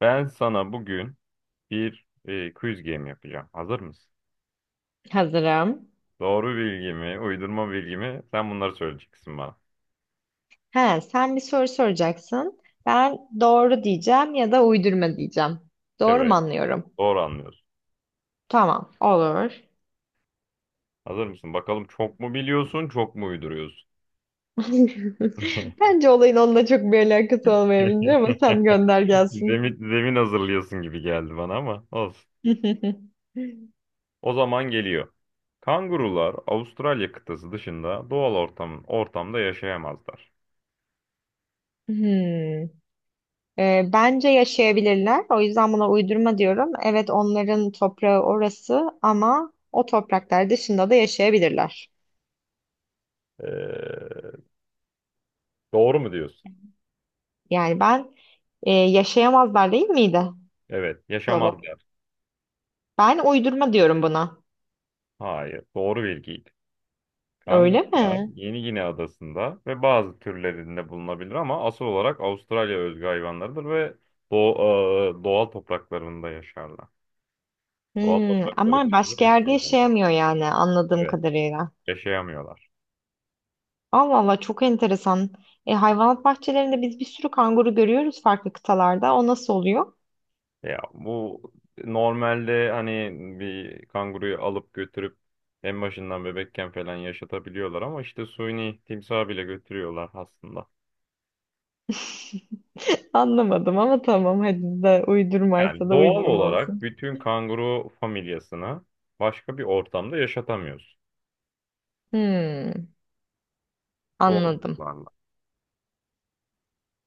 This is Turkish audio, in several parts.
Ben sana bugün bir quiz game yapacağım. Hazır mısın? Hazırım. Doğru bilgi mi, uydurma bilgi mi? Sen bunları söyleyeceksin bana. He, sen bir soru soracaksın. Ben doğru diyeceğim ya da uydurma diyeceğim. Doğru mu Evet, anlıyorum? doğru anlıyorsun. Tamam, olur. Hazır mısın? Bakalım çok mu biliyorsun, çok mu uyduruyorsun? Bence olayın onunla çok bir alakası olmayabilir ama sen gönder gelsin. Zemin hazırlıyorsun gibi geldi bana ama olsun. O zaman geliyor. Kangurular Avustralya kıtası dışında doğal ortamda yaşayamazlar. Hmm. Bence yaşayabilirler. O yüzden buna uydurma diyorum. Evet, onların toprağı orası ama o topraklar dışında da yaşayabilirler. Ee, doğru mu diyorsun? Yani ben yaşayamazlar değil miydi? Evet, Soru. yaşamazlar. Ben uydurma diyorum buna. Hayır, doğru bilgiydi. Öyle Kanguska, mi? Yeni Gine adasında ve bazı türlerinde bulunabilir ama asıl olarak Avustralya özgü hayvanlarıdır ve doğal topraklarında yaşarlar. Doğal toprakları Ama dışında başka yerde yaşayamıyorlar. yaşayamıyor yani anladığım Evet, kadarıyla. yaşayamıyorlar. Allah Allah, çok enteresan. Hayvanat bahçelerinde biz bir sürü kanguru görüyoruz farklı kıtalarda. O nasıl oluyor? Ya bu normalde hani bir kanguruyu alıp götürüp en başından bebekken falan yaşatabiliyorlar ama işte suni timsahı bile götürüyorlar aslında. Anlamadım ama tamam, hadi de, uydurmaysa Yani da doğal uydurma olarak olsun. bütün kanguru familyasını başka bir ortamda yaşatamıyorsun. Hmm, O anladım. doğallıklarla.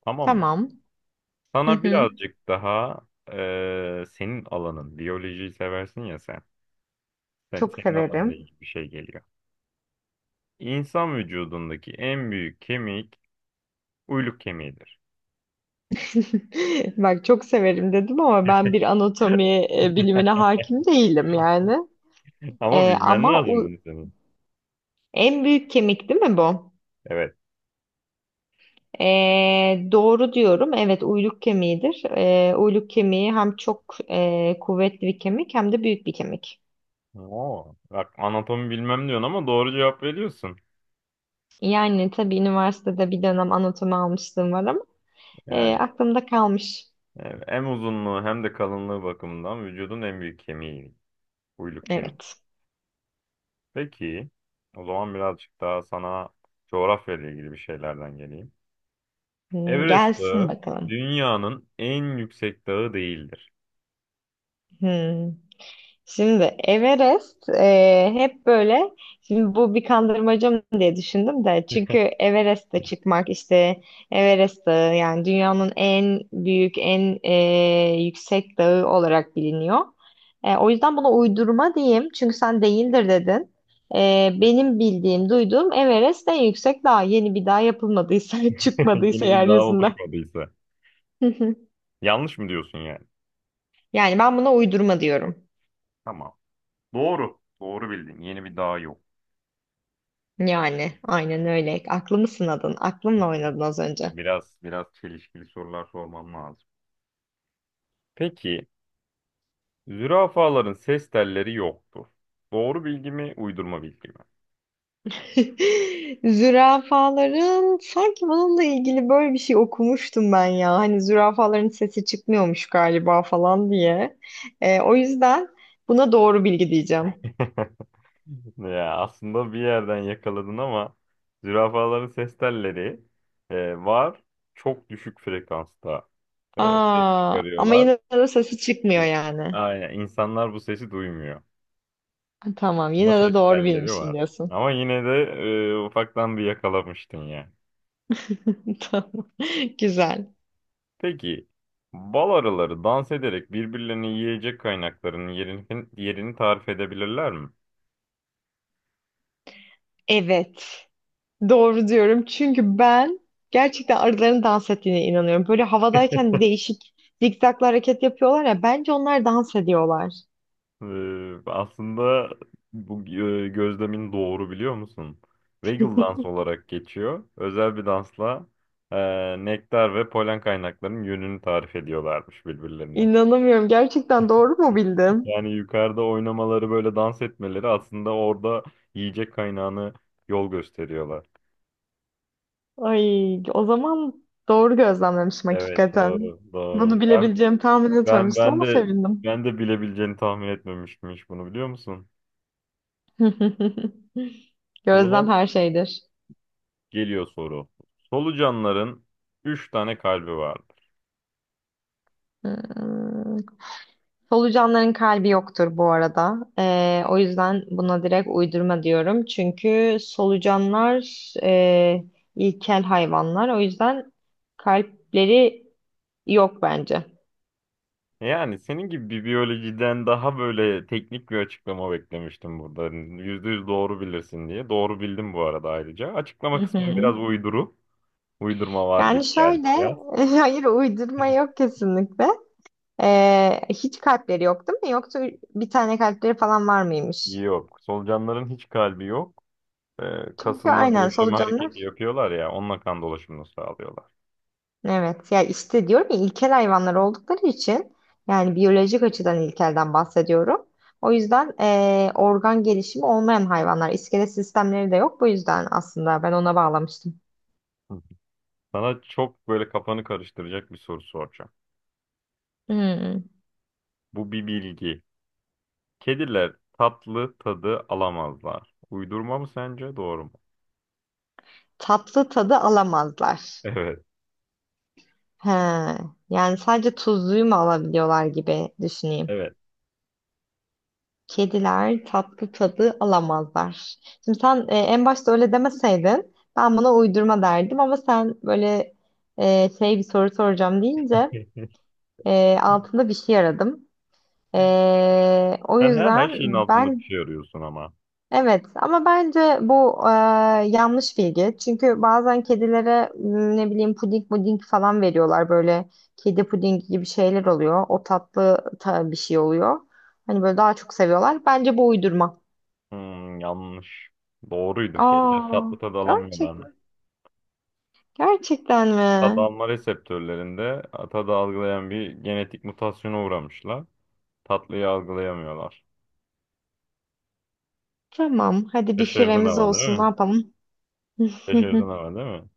Tamam mı? Tamam. Hı Sana hı. birazcık daha senin alanın, biyolojiyi seversin ya sen. Sen Çok senin alanında severim. ilgili bir şey geliyor. İnsan vücudundaki en büyük kemik uyluk kemiğidir. Bak, çok severim dedim ama ben bir anatomi bilimine hakim değilim yani. Ama E, bilmen ama lazım u- bunu senin. En büyük kemik değil mi bu? Evet. Doğru diyorum. Evet, uyluk kemiğidir. Uyluk kemiği hem çok kuvvetli bir kemik hem de büyük bir kemik. Oo, bak anatomi bilmem diyorsun ama doğru cevap veriyorsun. Yani tabii üniversitede bir dönem anatomi almıştım var ama Yani aklımda kalmış. evet, hem uzunluğu hem de kalınlığı bakımından vücudun en büyük kemiği uyluk kemiği. Evet. Peki, o zaman birazcık daha sana coğrafya ile ilgili bir şeylerden geleyim. Everest Gelsin Dağı bakalım. dünyanın en yüksek dağı değildir. Hmm. Şimdi Everest hep böyle, şimdi bu bir kandırmaca mı diye düşündüm de çünkü Everest'e çıkmak işte, Everest Dağı yani dünyanın en büyük, en yüksek dağı olarak biliniyor. O yüzden buna uydurma diyeyim çünkü sen değildir dedin. Benim bildiğim, duyduğum Everest en yüksek dağ, yeni bir dağ yapılmadıysa çıkmadıysa Yeni bir dağ yeryüzünde. oluşmadıysa. Yanlış mı diyorsun yani? Yani ben buna uydurma diyorum. Tamam. Doğru. Doğru bildin. Yeni bir dağ yok. Yani aynen öyle. Aklımı sınadın. Aklımla oynadın az önce. Biraz çelişkili sorular sormam lazım. Peki, zürafaların ses telleri yoktur. Doğru bilgi mi, uydurma bilgi mi? Zürafaların sanki bununla ilgili böyle bir şey okumuştum ben ya. Hani zürafaların sesi çıkmıyormuş galiba falan diye. O yüzden buna doğru bilgi diyeceğim. Ya aslında bir yerden yakaladın ama zürafaların ses telleri var. Çok düşük frekansta ses Aa, ama çıkarıyorlar. yine de sesi çıkmıyor İ- yani. Aynen insanlar bu sesi duymuyor. Tamam, Ama yine de ses doğru telleri bilmişim var. diyorsun. Ama yine de ufaktan bir yakalamıştın ya. Tamam. Güzel. Peki bal arıları dans ederek birbirlerini yiyecek kaynaklarının yerini tarif edebilirler mi? Evet. Doğru diyorum. Çünkü ben gerçekten arıların dans ettiğine inanıyorum. Böyle havadayken değişik zikzaklı hareket yapıyorlar ya. Bence onlar dans ediyorlar. Aslında bu gözlemin doğru biliyor musun? Waggle dans olarak geçiyor. Özel bir dansla e, nektar ve polen kaynaklarının yönünü tarif ediyorlarmış birbirlerine. İnanamıyorum. Gerçekten doğru mu bildim? Yani yukarıda oynamaları böyle dans etmeleri aslında orada yiyecek kaynağını yol gösteriyorlar. Ay, o zaman doğru gözlemlemişim Evet hakikaten. doğru Bunu doğru. Ben bilebileceğimi tahmin ben etmemiştim ben ama de sevindim. ben de bilebileceğini tahmin etmemiştim hiç bunu biliyor musun? O Gözlem zaman her şeydir. geliyor soru. Solucanların 3 tane kalbi var. Hmm. Solucanların kalbi yoktur bu arada. O yüzden buna direkt uydurma diyorum. Çünkü solucanlar ilkel hayvanlar. O yüzden kalpleri yok bence. Yani senin gibi bir biyolojiden daha böyle teknik bir açıklama beklemiştim burada. Hani %100 doğru bilirsin diye. Doğru bildim bu arada ayrıca. Hı Açıklama kısmı biraz hı. uyduru. Uydurma var gibi Yani geldi şöyle, biraz. hayır, uydurma yok kesinlikle. Hiç kalpleri yok değil mi? Yoksa bir tane kalpleri falan var mıymış? Yok. Solucanların hiç kalbi yok. Çünkü Kasılma aynen gevşeme solucanlar. hareketi yapıyorlar ya. Onunla kan dolaşımını sağlıyorlar. Evet ya, işte diyorum ya, ilkel hayvanlar oldukları için, yani biyolojik açıdan ilkelden bahsediyorum. O yüzden organ gelişimi olmayan hayvanlar, iskelet sistemleri de yok, bu yüzden aslında ben ona bağlamıştım. Hı. Sana çok böyle kafanı karıştıracak bir soru soracağım. Hmm. Bu bir bilgi. Kediler tatlı tadı alamazlar. Uydurma mı sence? Doğru mu? Tatlı tadı alamazlar. Evet. He. Yani sadece tuzluyu mu alabiliyorlar gibi düşüneyim. Evet. Kediler tatlı tadı alamazlar. Şimdi sen en başta öyle demeseydin ben buna uydurma derdim ama sen böyle şey, bir soru soracağım deyince, altında bir şey aradım. O Sen her yüzden şeyin altında bir ben, şey arıyorsun ama. evet ama bence bu yanlış bilgi. Çünkü bazen kedilere ne bileyim, puding puding falan veriyorlar böyle, kedi pudingi gibi şeyler oluyor. O tatlı bir şey oluyor. Hani böyle daha çok seviyorlar. Bence bu uydurma. Hmm, yanlış. Doğruydu. Kediler Aa, tatlı tadı alamıyorlar mı? gerçekten. Gerçekten Tad mi? alma reseptörlerinde tadı algılayan bir genetik mutasyona uğramışlar. Tatlıyı algılayamıyorlar. Tamam. Hadi bir Şaşırdın firemiz ama değil olsun. Ne mi? yapalım? Şaşırdın ama değil mi?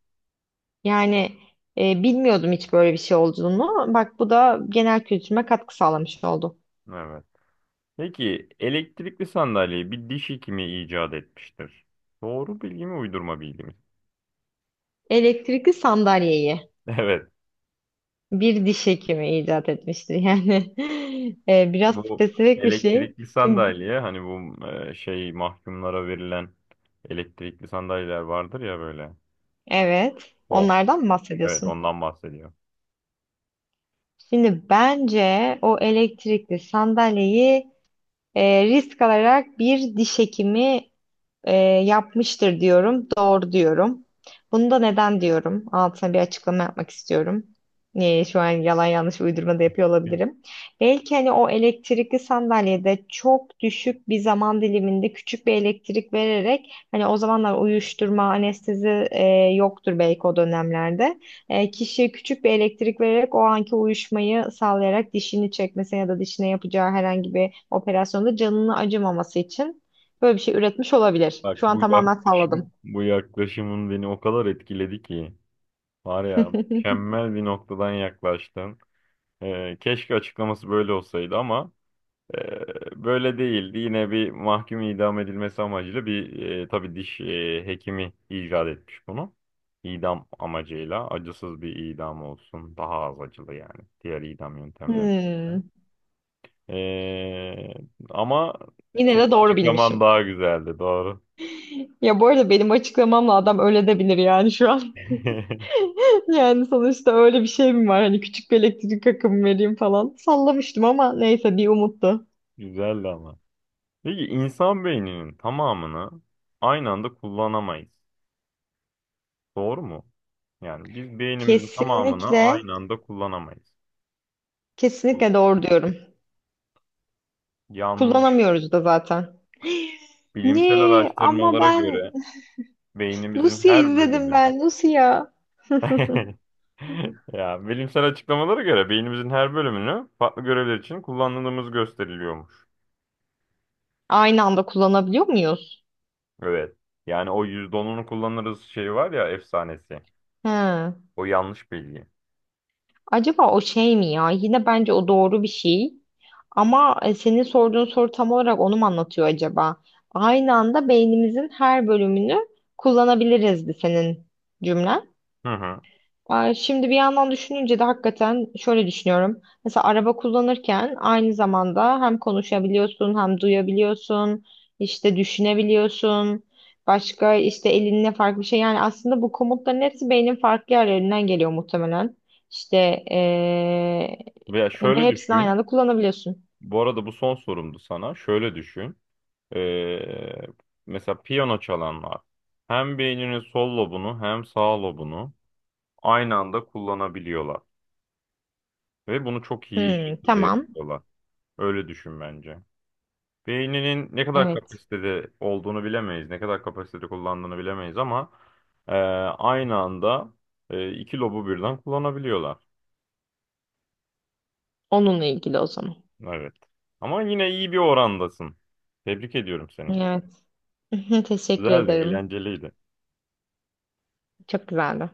Yani bilmiyordum hiç böyle bir şey olduğunu. Bak, bu da genel kültürüme katkı sağlamış oldu. Evet. Peki elektrikli sandalyeyi bir diş hekimi icat etmiştir. Doğru bilgi mi, uydurma bilgi mi? Elektrikli sandalyeyi Evet. bir diş hekimi icat etmiştir. Yani biraz Bu spesifik bir şey. elektrikli Şimdi sandalye hani bu şey mahkumlara verilen elektrikli sandalyeler vardır ya böyle. evet, O. onlardan mı Evet bahsediyorsun? ondan bahsediyor. Şimdi bence o elektrikli sandalyeyi risk alarak bir diş hekimi, Ee, yapmıştır diyorum. Doğru diyorum. Bunu da neden diyorum? Altına bir açıklama yapmak istiyorum. Şu an yalan yanlış uydurma da yapıyor Hı. olabilirim. Belki hani o elektrikli sandalyede çok düşük bir zaman diliminde küçük bir elektrik vererek, hani o zamanlar uyuşturma, anestezi yoktur belki o dönemlerde. Kişiye küçük bir elektrik vererek o anki uyuşmayı sağlayarak dişini çekmesine ya da dişine yapacağı herhangi bir operasyonda canını acımaması için böyle bir şey üretmiş olabilir. Şu Bak an bu tamamen yaklaşım salladım. bu yaklaşımın beni o kadar etkiledi ki var ya mükemmel bir noktadan yaklaştın. Keşke açıklaması böyle olsaydı ama böyle değildi. Yine bir mahkum idam edilmesi amacıyla bir tabii diş hekimi icat etmiş bunu. İdam amacıyla acısız bir idam olsun. Daha az acılı yani. Diğer idam yöntemleri. Hmm. Ee, ama Yine senin de doğru bilmişim. açıklaman daha güzeldi. Doğru. Ya bu arada benim açıklamamla adam öyle de bilir yani şu an. Yani sonuçta öyle bir şey mi var? Hani küçük bir elektrik akımı vereyim falan. Sallamıştım ama neyse, bir umuttu. Güzeldi ama. Peki insan beyninin tamamını aynı anda kullanamayız. Doğru mu? Yani biz beynimizin tamamını Kesinlikle, aynı anda kullanamayız. kesinlikle doğru diyorum. Yanlış. Kullanamıyoruz da zaten. Bilimsel Ne? Ama araştırmalara ben göre beynimizin Lucia her izledim bölümünü ben. Lucia. ya bilimsel açıklamalara göre beynimizin her bölümünü farklı görevler için kullandığımız gösteriliyormuş. Aynı anda kullanabiliyor muyuz? Evet. Yani o %10'unu kullanırız şey var ya efsanesi. He. O yanlış bilgi. Acaba o şey mi ya? Yine bence o doğru bir şey. Ama senin sorduğun soru tam olarak onu mu anlatıyor acaba? Aynı anda beynimizin her bölümünü kullanabiliriz de, senin cümlen. Hı hı. Şimdi bir yandan düşününce de hakikaten şöyle düşünüyorum. Mesela araba kullanırken aynı zamanda hem konuşabiliyorsun hem duyabiliyorsun, işte düşünebiliyorsun. Başka işte elinle farklı bir şey. Yani aslında bu komutların hepsi beynin farklı yerlerinden geliyor muhtemelen. İşte Veya ee, ve şöyle hepsini aynı düşün. anda kullanabiliyorsun. Bu arada bu son sorumdu sana. Şöyle düşün. Ee, mesela piyano çalanlar hem beyninin sol lobunu hem sağ lobunu aynı anda kullanabiliyorlar. Ve bunu çok iyi Hmm, şekilde tamam. yapıyorlar. Öyle düşün bence. Beyninin ne kadar Evet. kapasitede olduğunu bilemeyiz. Ne kadar kapasitede kullandığını bilemeyiz ama e, aynı anda iki lobu birden kullanabiliyorlar. Onunla ilgili o zaman. Evet. Ama yine iyi bir orandasın. Tebrik ediyorum seni. Evet. Teşekkür Güzeldi, ederim. eğlenceliydi. Çok güzeldi.